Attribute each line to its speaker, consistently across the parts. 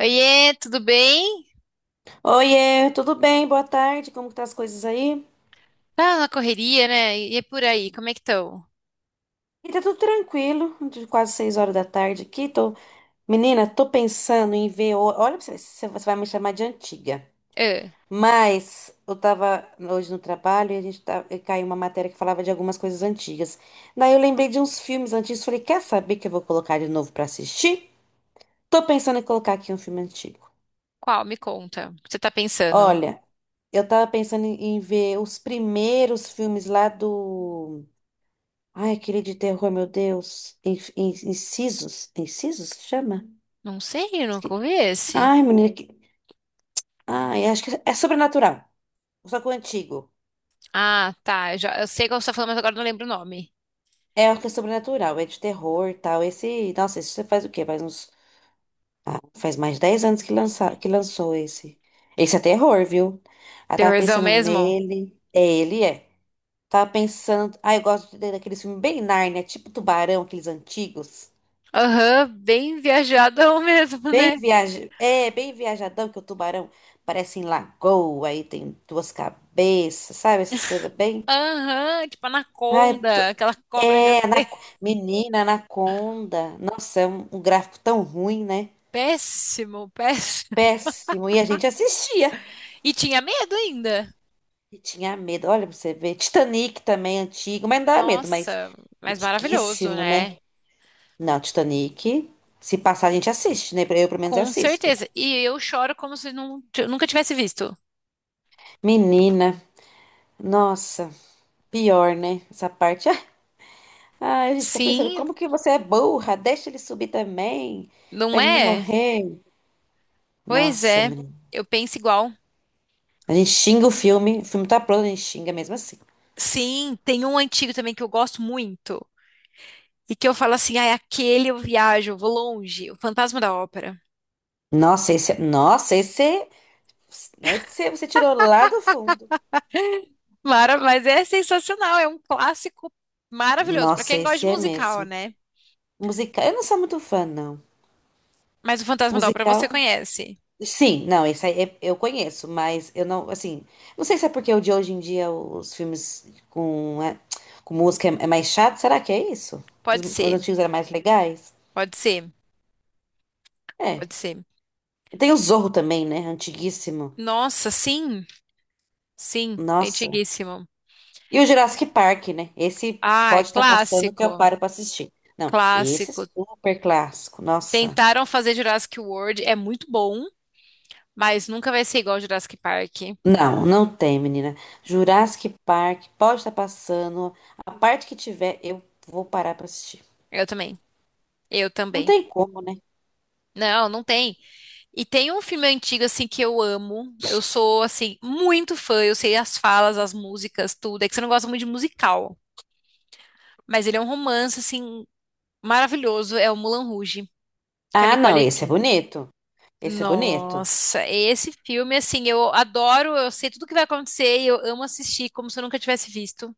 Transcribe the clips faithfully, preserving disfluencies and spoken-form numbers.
Speaker 1: Oiê, tudo bem?
Speaker 2: Oiê, tudo bem? Boa tarde. Como que tá as coisas aí?
Speaker 1: Tá na correria, né? E é por aí, como é que estão?
Speaker 2: E tá tudo tranquilo, quase seis horas da tarde aqui. Tô... Menina, tô pensando em ver. o- Olha, pra você ver se você vai me chamar de antiga.
Speaker 1: Ah,
Speaker 2: Mas eu tava hoje no trabalho e a gente tá... e caiu uma matéria que falava de algumas coisas antigas. Daí eu lembrei de uns filmes antigos. Falei, quer saber que eu vou colocar de novo pra assistir? Tô pensando em colocar aqui um filme antigo.
Speaker 1: qual? Me conta. O que você tá pensando?
Speaker 2: Olha, eu tava pensando em em ver os primeiros filmes lá do. Ai, aquele de terror, meu Deus. In- in- Incisos? Incisos se chama?
Speaker 1: Não sei, eu nunca
Speaker 2: Esque-
Speaker 1: ouvi esse.
Speaker 2: Ai, menina. Que... Ai, acho que é sobrenatural. Só que o antigo.
Speaker 1: Ah, tá. Eu já, eu sei qual você tá falando, mas agora eu não lembro o nome.
Speaker 2: É o que é sobrenatural, é de terror e tal. Esse. Nossa, esse você faz o quê? Faz uns. Ah, faz mais de 10 anos que, lança... que lançou esse. Esse é terror, viu? Ah, tava
Speaker 1: Terrorzão
Speaker 2: pensando
Speaker 1: mesmo?
Speaker 2: nele. É, ele é. Tava pensando. Ah, eu gosto de- daquele filme bem Nárnia, tipo Tubarão, aqueles antigos.
Speaker 1: Aham, bem viajadão mesmo,
Speaker 2: Bem
Speaker 1: né?
Speaker 2: viaja... É, bem viajadão que o tubarão parece em lagoa, aí tem duas cabeças, sabe? Essas coisas bem.
Speaker 1: Aham, tipo
Speaker 2: Ai,
Speaker 1: Anaconda,
Speaker 2: tu-
Speaker 1: aquela cobra
Speaker 2: é, na...
Speaker 1: gigantesca.
Speaker 2: menina, anaconda. Nossa, é um, um gráfico tão ruim, né?
Speaker 1: Péssimo, péssimo.
Speaker 2: Péssimo. E a gente assistia
Speaker 1: E tinha medo ainda.
Speaker 2: e tinha medo. Olha pra você ver. Titanic também, antigo, mas não dá medo, mas
Speaker 1: Nossa, mas maravilhoso,
Speaker 2: antiguíssimo, né?
Speaker 1: né?
Speaker 2: Não, Titanic. Se passar, a gente assiste, né? Eu, pelo menos,
Speaker 1: Com
Speaker 2: assisto.
Speaker 1: certeza. E eu choro como se não, nunca tivesse visto.
Speaker 2: Menina, nossa, pior, né? Essa parte. Ai, a gente fica pensando,
Speaker 1: Sim,
Speaker 2: como que você é burra? Deixa ele subir também, pra
Speaker 1: não
Speaker 2: ele não
Speaker 1: é?
Speaker 2: morrer.
Speaker 1: Pois
Speaker 2: Nossa,
Speaker 1: é,
Speaker 2: menina.
Speaker 1: eu penso igual.
Speaker 2: A gente xinga o filme, o filme tá pronto, a gente xinga mesmo assim.
Speaker 1: Sim, tem um antigo também que eu gosto muito. E que eu falo assim, ai, aquele eu viajo, eu vou longe, o Fantasma da Ópera.
Speaker 2: Nossa, esse, é- nossa, esse, esse você tirou lá do fundo.
Speaker 1: Mara, mas é sensacional, é um clássico maravilhoso, pra
Speaker 2: Nossa,
Speaker 1: quem gosta de
Speaker 2: esse é
Speaker 1: musical,
Speaker 2: mesmo.
Speaker 1: né?
Speaker 2: Musical, eu não sou muito fã, não.
Speaker 1: Mas o Fantasma da Ópera você
Speaker 2: Musical,
Speaker 1: conhece.
Speaker 2: sim, não, esse aí é- eu conheço, mas eu não, assim, não sei se é porque o de hoje em dia os filmes com, é, com música é, é mais chato, será que é isso? Os,
Speaker 1: Pode
Speaker 2: os
Speaker 1: ser,
Speaker 2: antigos eram mais legais?
Speaker 1: pode ser,
Speaker 2: É.
Speaker 1: pode ser.
Speaker 2: E tem o Zorro também, né? Antiguíssimo.
Speaker 1: Nossa, sim, sim, é
Speaker 2: Nossa.
Speaker 1: antiguíssimo.
Speaker 2: E o Jurassic Park, né? Esse
Speaker 1: Ah, é
Speaker 2: pode estar passando que eu
Speaker 1: clássico,
Speaker 2: paro pra assistir. Não, esse é
Speaker 1: clássico.
Speaker 2: super clássico. Nossa.
Speaker 1: Tentaram fazer Jurassic World, é muito bom, mas nunca vai ser igual Jurassic Park.
Speaker 2: Não, não tem, menina. Jurassic Park pode estar passando. A parte que tiver, eu vou parar pra assistir.
Speaker 1: Eu também. Eu
Speaker 2: Não
Speaker 1: também.
Speaker 2: tem como, né?
Speaker 1: Não, não tem. E tem um filme antigo, assim, que eu amo. Eu sou, assim, muito fã. Eu sei as falas, as músicas, tudo. É que você não gosta muito de musical. Mas ele é um romance, assim, maravilhoso. É o Moulin Rouge, com a
Speaker 2: Ah, não,
Speaker 1: Nicole
Speaker 2: esse é
Speaker 1: Kidman.
Speaker 2: bonito. Esse é bonito.
Speaker 1: Nossa, esse filme, assim, eu adoro. Eu sei tudo o que vai acontecer e eu amo assistir como se eu nunca tivesse visto.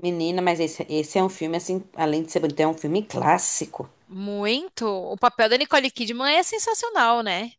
Speaker 2: Menina, mas esse, esse é um filme, assim, além de ser bonito, é um filme clássico.
Speaker 1: Muito. O papel da Nicole Kidman é sensacional, né?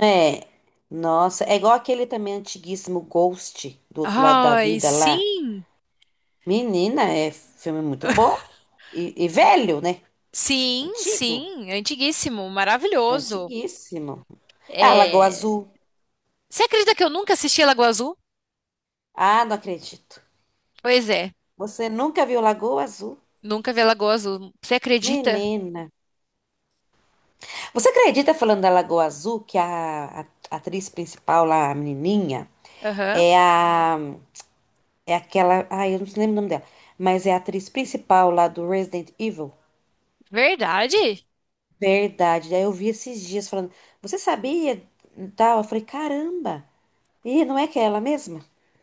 Speaker 2: É, nossa, é igual aquele também antiguíssimo Ghost do outro lado da
Speaker 1: Ai,
Speaker 2: vida lá.
Speaker 1: sim.
Speaker 2: Menina, é filme muito bom e, e velho, né?
Speaker 1: Sim,
Speaker 2: Antigo,
Speaker 1: sim, antiguíssimo, maravilhoso.
Speaker 2: antiguíssimo. Ah, Lagoa
Speaker 1: É...
Speaker 2: Azul.
Speaker 1: Você acredita que eu nunca assisti a Lagoa Azul?
Speaker 2: Ah, não acredito.
Speaker 1: Pois é,
Speaker 2: Você nunca viu Lagoa Azul?
Speaker 1: nunca vi a Lagoa Azul. Você acredita?
Speaker 2: Menina. Você acredita falando da Lagoa Azul que a, a atriz principal lá, a menininha,
Speaker 1: Aham.
Speaker 2: é a é aquela, ai, eu não lembro o nome dela, mas é a atriz principal lá do Resident Evil?
Speaker 1: Verdade?
Speaker 2: Verdade. Daí eu vi esses dias falando, você sabia? Tal. Eu falei, caramba! E não é que é ela mesma?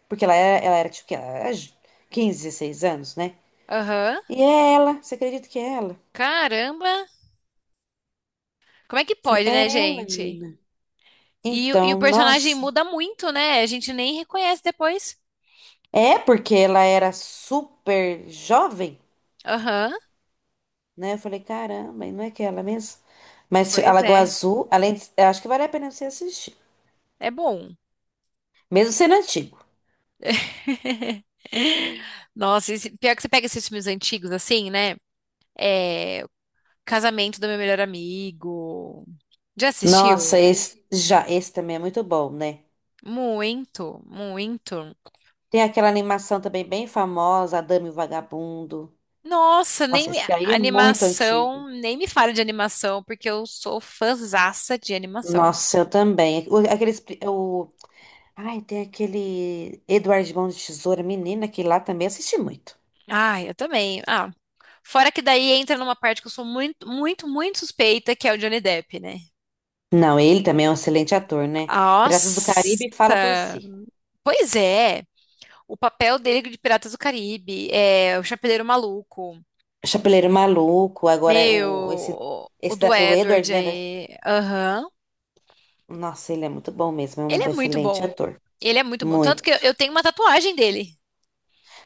Speaker 2: Porque ela era, ela era tipo que ela era j- quinze, 16 anos, né?
Speaker 1: Aham.
Speaker 2: E é ela, você acredita que é ela?
Speaker 1: Caramba, como é que pode, né,
Speaker 2: É ela,
Speaker 1: gente?
Speaker 2: menina.
Speaker 1: E o- e o
Speaker 2: Então,
Speaker 1: personagem
Speaker 2: nossa.
Speaker 1: muda muito, né? A gente nem reconhece depois.
Speaker 2: É porque ela era super jovem,
Speaker 1: Aham.
Speaker 2: né? Eu falei, caramba, e não é que é ela mesmo? Mas a
Speaker 1: Pois
Speaker 2: Lagoa
Speaker 1: é,
Speaker 2: Azul, além de, eu acho que vale a pena você assistir.
Speaker 1: é bom.
Speaker 2: Mesmo sendo antigo.
Speaker 1: Nossa, esse- pior que você pega esses filmes antigos assim, né? É... Casamento do Meu Melhor Amigo. Já assistiu?
Speaker 2: Nossa, esse já, esse também é muito bom, né?
Speaker 1: Muito, muito.
Speaker 2: Tem aquela animação também bem famosa, A Dama e o Vagabundo.
Speaker 1: Nossa, nem
Speaker 2: Nossa,
Speaker 1: me...
Speaker 2: esse aí é muito antigo.
Speaker 1: animação, nem me fale de animação, porque eu sou fãzaça de animação.
Speaker 2: Nossa, eu também. O- Aqueles, pri- o, ai, tem aquele Eduardo de Mão de Tesoura, menina, que lá também assisti muito.
Speaker 1: Ah, eu também. Ah, fora que daí entra numa parte que eu sou muito, muito, muito suspeita, que é o Johnny Depp, né?
Speaker 2: Não, ele também é um excelente ator, né? Piratas do Caribe
Speaker 1: Nossa.
Speaker 2: fala por si.
Speaker 1: Pois é, o papel dele de Piratas do Caribe, é o Chapeleiro Maluco,
Speaker 2: Chapeleiro Maluco, agora é o, esse,
Speaker 1: meu, o
Speaker 2: esse
Speaker 1: do
Speaker 2: da- o
Speaker 1: Edward
Speaker 2: Edward, né? da-
Speaker 1: aí, aham.
Speaker 2: Nossa, ele é muito bom mesmo, é
Speaker 1: Ele
Speaker 2: um
Speaker 1: é muito
Speaker 2: excelente
Speaker 1: bom.
Speaker 2: ator.
Speaker 1: Ele é muito bom. Tanto que eu,
Speaker 2: Muito.
Speaker 1: eu tenho uma tatuagem dele.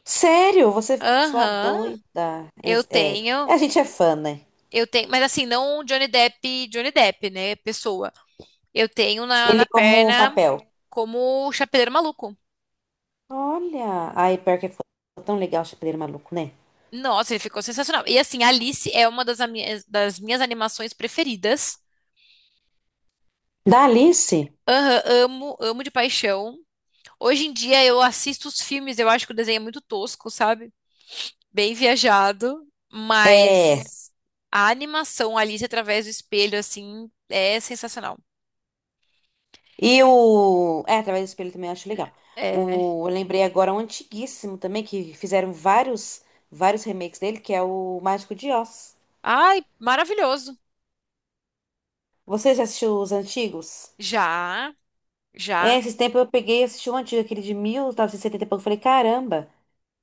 Speaker 2: Sério, você, sua
Speaker 1: Aham,
Speaker 2: doida.
Speaker 1: eu
Speaker 2: É, é,
Speaker 1: tenho.
Speaker 2: a gente é fã, né?
Speaker 1: Eu tenho, mas assim, não o Johnny Depp, Johnny Depp, né? Pessoa. Eu tenho na,
Speaker 2: Ele
Speaker 1: na
Speaker 2: como
Speaker 1: perna
Speaker 2: papel.
Speaker 1: como o Chapeleiro Maluco.
Speaker 2: Olha, ai, pior que foi tão legal o Chapeleiro Maluco, né?
Speaker 1: Nossa, ele ficou sensacional. E assim, Alice é uma das, ami- das minhas animações preferidas.
Speaker 2: Da Alice?
Speaker 1: Aham, amo, amo de paixão. Hoje em dia eu assisto os filmes, eu acho que o desenho é muito tosco, sabe? Bem viajado,
Speaker 2: É.
Speaker 1: mas a animação Alice através do espelho, assim, é sensacional.
Speaker 2: E o. É, através do espelho também eu acho legal.
Speaker 1: É.
Speaker 2: O... Eu lembrei agora um antiguíssimo também, que fizeram vários, vários remakes dele, que é o Mágico de Oz.
Speaker 1: Ai, maravilhoso.
Speaker 2: Você já assistiu os antigos?
Speaker 1: Já,
Speaker 2: É,
Speaker 1: já.
Speaker 2: esses tempos eu peguei e assisti um antigo, aquele de mil novecentos e setenta e setenta e pouco. Falei, caramba,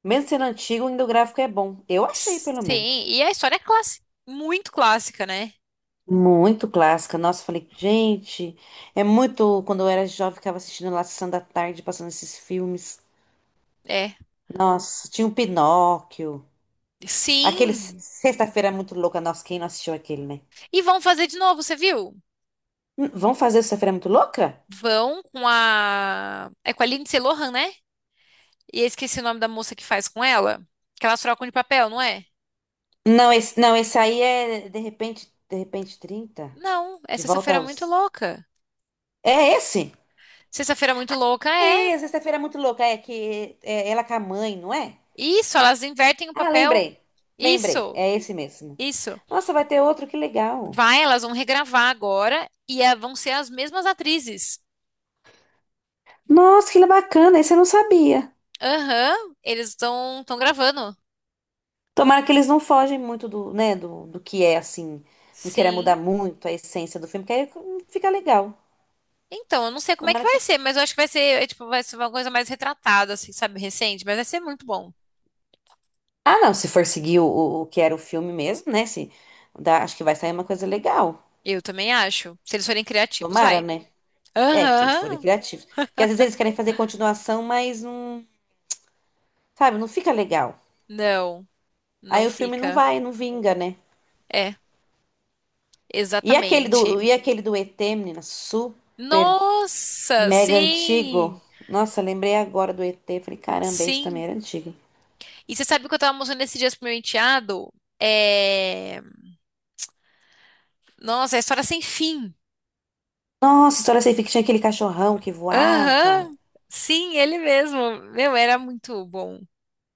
Speaker 2: mesmo sendo antigo, ainda o gráfico é bom. Eu achei, pelo
Speaker 1: Sim,
Speaker 2: menos.
Speaker 1: e a história é clássica, muito clássica, né?
Speaker 2: Muito clássica. Nossa, eu falei, gente, é muito. Quando eu era jovem, ficava assistindo lá Sessão da Tarde, passando esses filmes.
Speaker 1: É.
Speaker 2: Nossa, tinha o Pinóquio. Aquele Se-
Speaker 1: Sim.
Speaker 2: Sexta-feira Muito Louca. Nossa, quem não assistiu aquele, né?
Speaker 1: E vão fazer de novo, você viu?
Speaker 2: Hum, vamos fazer o Sexta-feira Muito Louca?
Speaker 1: Vão com a. É com a Lindsay Lohan, né? E eu esqueci o nome da moça que faz com ela. Que elas trocam de papel, não é?
Speaker 2: Não, esse, não, esse aí é de repente, de repente trinta.
Speaker 1: Não, é
Speaker 2: De volta
Speaker 1: Sexta-feira Muito
Speaker 2: aos.
Speaker 1: Louca.
Speaker 2: É esse?
Speaker 1: Sexta-feira Muito Louca é.
Speaker 2: É, Sexta-feira Muito Louca. É que é ela com a mãe, não é?
Speaker 1: Isso, elas invertem o
Speaker 2: Ah,
Speaker 1: papel.
Speaker 2: lembrei. Lembrei.
Speaker 1: Isso,
Speaker 2: É esse mesmo.
Speaker 1: isso.
Speaker 2: Nossa, vai ter outro, que legal.
Speaker 1: Vai, elas vão regravar agora e eh, vão ser as mesmas atrizes.
Speaker 2: Nossa, que bacana, esse eu não sabia.
Speaker 1: Aham, eles estão estão gravando.
Speaker 2: Tomara que eles não fogem muito do, né, do, do que é, assim, não queira mudar
Speaker 1: Sim.
Speaker 2: muito a essência do filme, que aí fica legal.
Speaker 1: Então, eu não sei como é que
Speaker 2: Tomara
Speaker 1: vai
Speaker 2: que...
Speaker 1: ser, mas eu acho que vai ser, eh, tipo, vai ser uma coisa mais retratada, assim, sabe, recente, mas vai ser muito bom.
Speaker 2: Ah, não, se for seguir o, o, o que era o filme mesmo, né, se, dá- acho que vai sair uma coisa legal.
Speaker 1: Eu também acho. Se eles forem criativos,
Speaker 2: Tomara,
Speaker 1: vai.
Speaker 2: né? É, se eles forem
Speaker 1: Aham.
Speaker 2: criativos. Porque às vezes eles querem fazer continuação, mas não, sabe, não fica legal.
Speaker 1: Não,
Speaker 2: Aí
Speaker 1: não
Speaker 2: o filme não
Speaker 1: fica.
Speaker 2: vai, não vinga, né?
Speaker 1: É,
Speaker 2: E aquele do,
Speaker 1: exatamente.
Speaker 2: e aquele do E T, menina, super
Speaker 1: Nossa,
Speaker 2: mega antigo.
Speaker 1: sim.
Speaker 2: Nossa, lembrei agora do E T. Falei, caramba, esse também
Speaker 1: Sim.
Speaker 2: era antigo.
Speaker 1: E você sabe o que eu tava mostrando esses dias pro meu enteado? É... Nossa, é história sem fim.
Speaker 2: Nossa, história sem fim que tinha aquele cachorrão que voava.
Speaker 1: Aham. Sim, ele mesmo. Meu, era muito bom.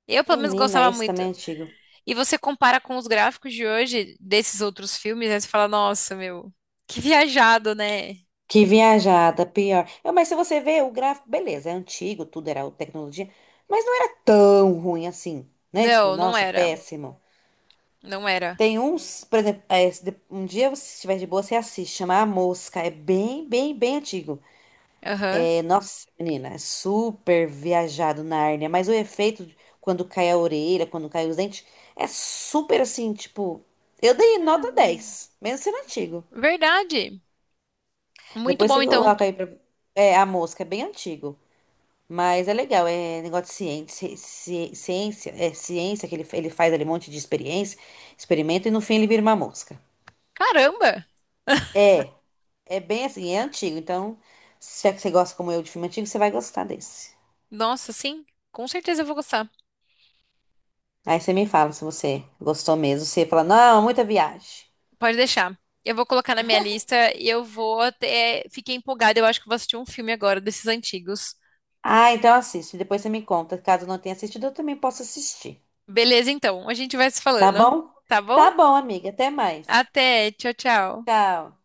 Speaker 1: Eu, pelo menos,
Speaker 2: Menina,
Speaker 1: gostava
Speaker 2: esse
Speaker 1: muito.
Speaker 2: também é antigo.
Speaker 1: E você compara com os gráficos de hoje, desses outros filmes, aí você fala, nossa, meu, que viajado, né?
Speaker 2: Que viajada, pior. Eu, mas se você ver o gráfico, beleza, é antigo, tudo era tecnologia, mas não era tão ruim assim, né? Tipo,
Speaker 1: Não, não
Speaker 2: nossa,
Speaker 1: era.
Speaker 2: péssimo.
Speaker 1: Não era.
Speaker 2: Tem uns, por exemplo, é, se de- um dia, você estiver de boa, você assiste, chama A Mosca. É bem, bem, bem antigo.
Speaker 1: Aham.
Speaker 2: É, nossa, menina, é super viajado na hérnia, mas o efeito de- quando cai a orelha, quando cai os dentes, é super assim, tipo, eu dei nota
Speaker 1: Hum,
Speaker 2: dez, mesmo sendo antigo.
Speaker 1: verdade. Muito
Speaker 2: Depois
Speaker 1: bom,
Speaker 2: você
Speaker 1: então.
Speaker 2: coloca aí pra, é, a mosca, é bem antigo, mas é legal, é negócio de ciência, ci- ciência, é ciência que ele, ele faz ali um monte de experiência, experimento e no fim ele vira uma mosca.
Speaker 1: Caramba!
Speaker 2: É, é bem assim, é antigo, então se é que você gosta como eu de filme antigo, você vai gostar desse.
Speaker 1: Nossa, sim. Com certeza eu vou gostar.
Speaker 2: Aí você me fala se você gostou mesmo. Você fala, não, muita viagem.
Speaker 1: Pode deixar. Eu vou colocar na minha lista e eu vou até. Fiquei empolgada, eu acho que vou assistir um filme agora desses antigos.
Speaker 2: Ah, então assiste. Depois você me conta. Caso não tenha assistido, eu também posso assistir.
Speaker 1: Beleza, então. A gente vai se
Speaker 2: Tá
Speaker 1: falando.
Speaker 2: bom?
Speaker 1: Tá bom?
Speaker 2: Tá bom, amiga. Até mais.
Speaker 1: Até. Tchau, tchau.
Speaker 2: Tchau.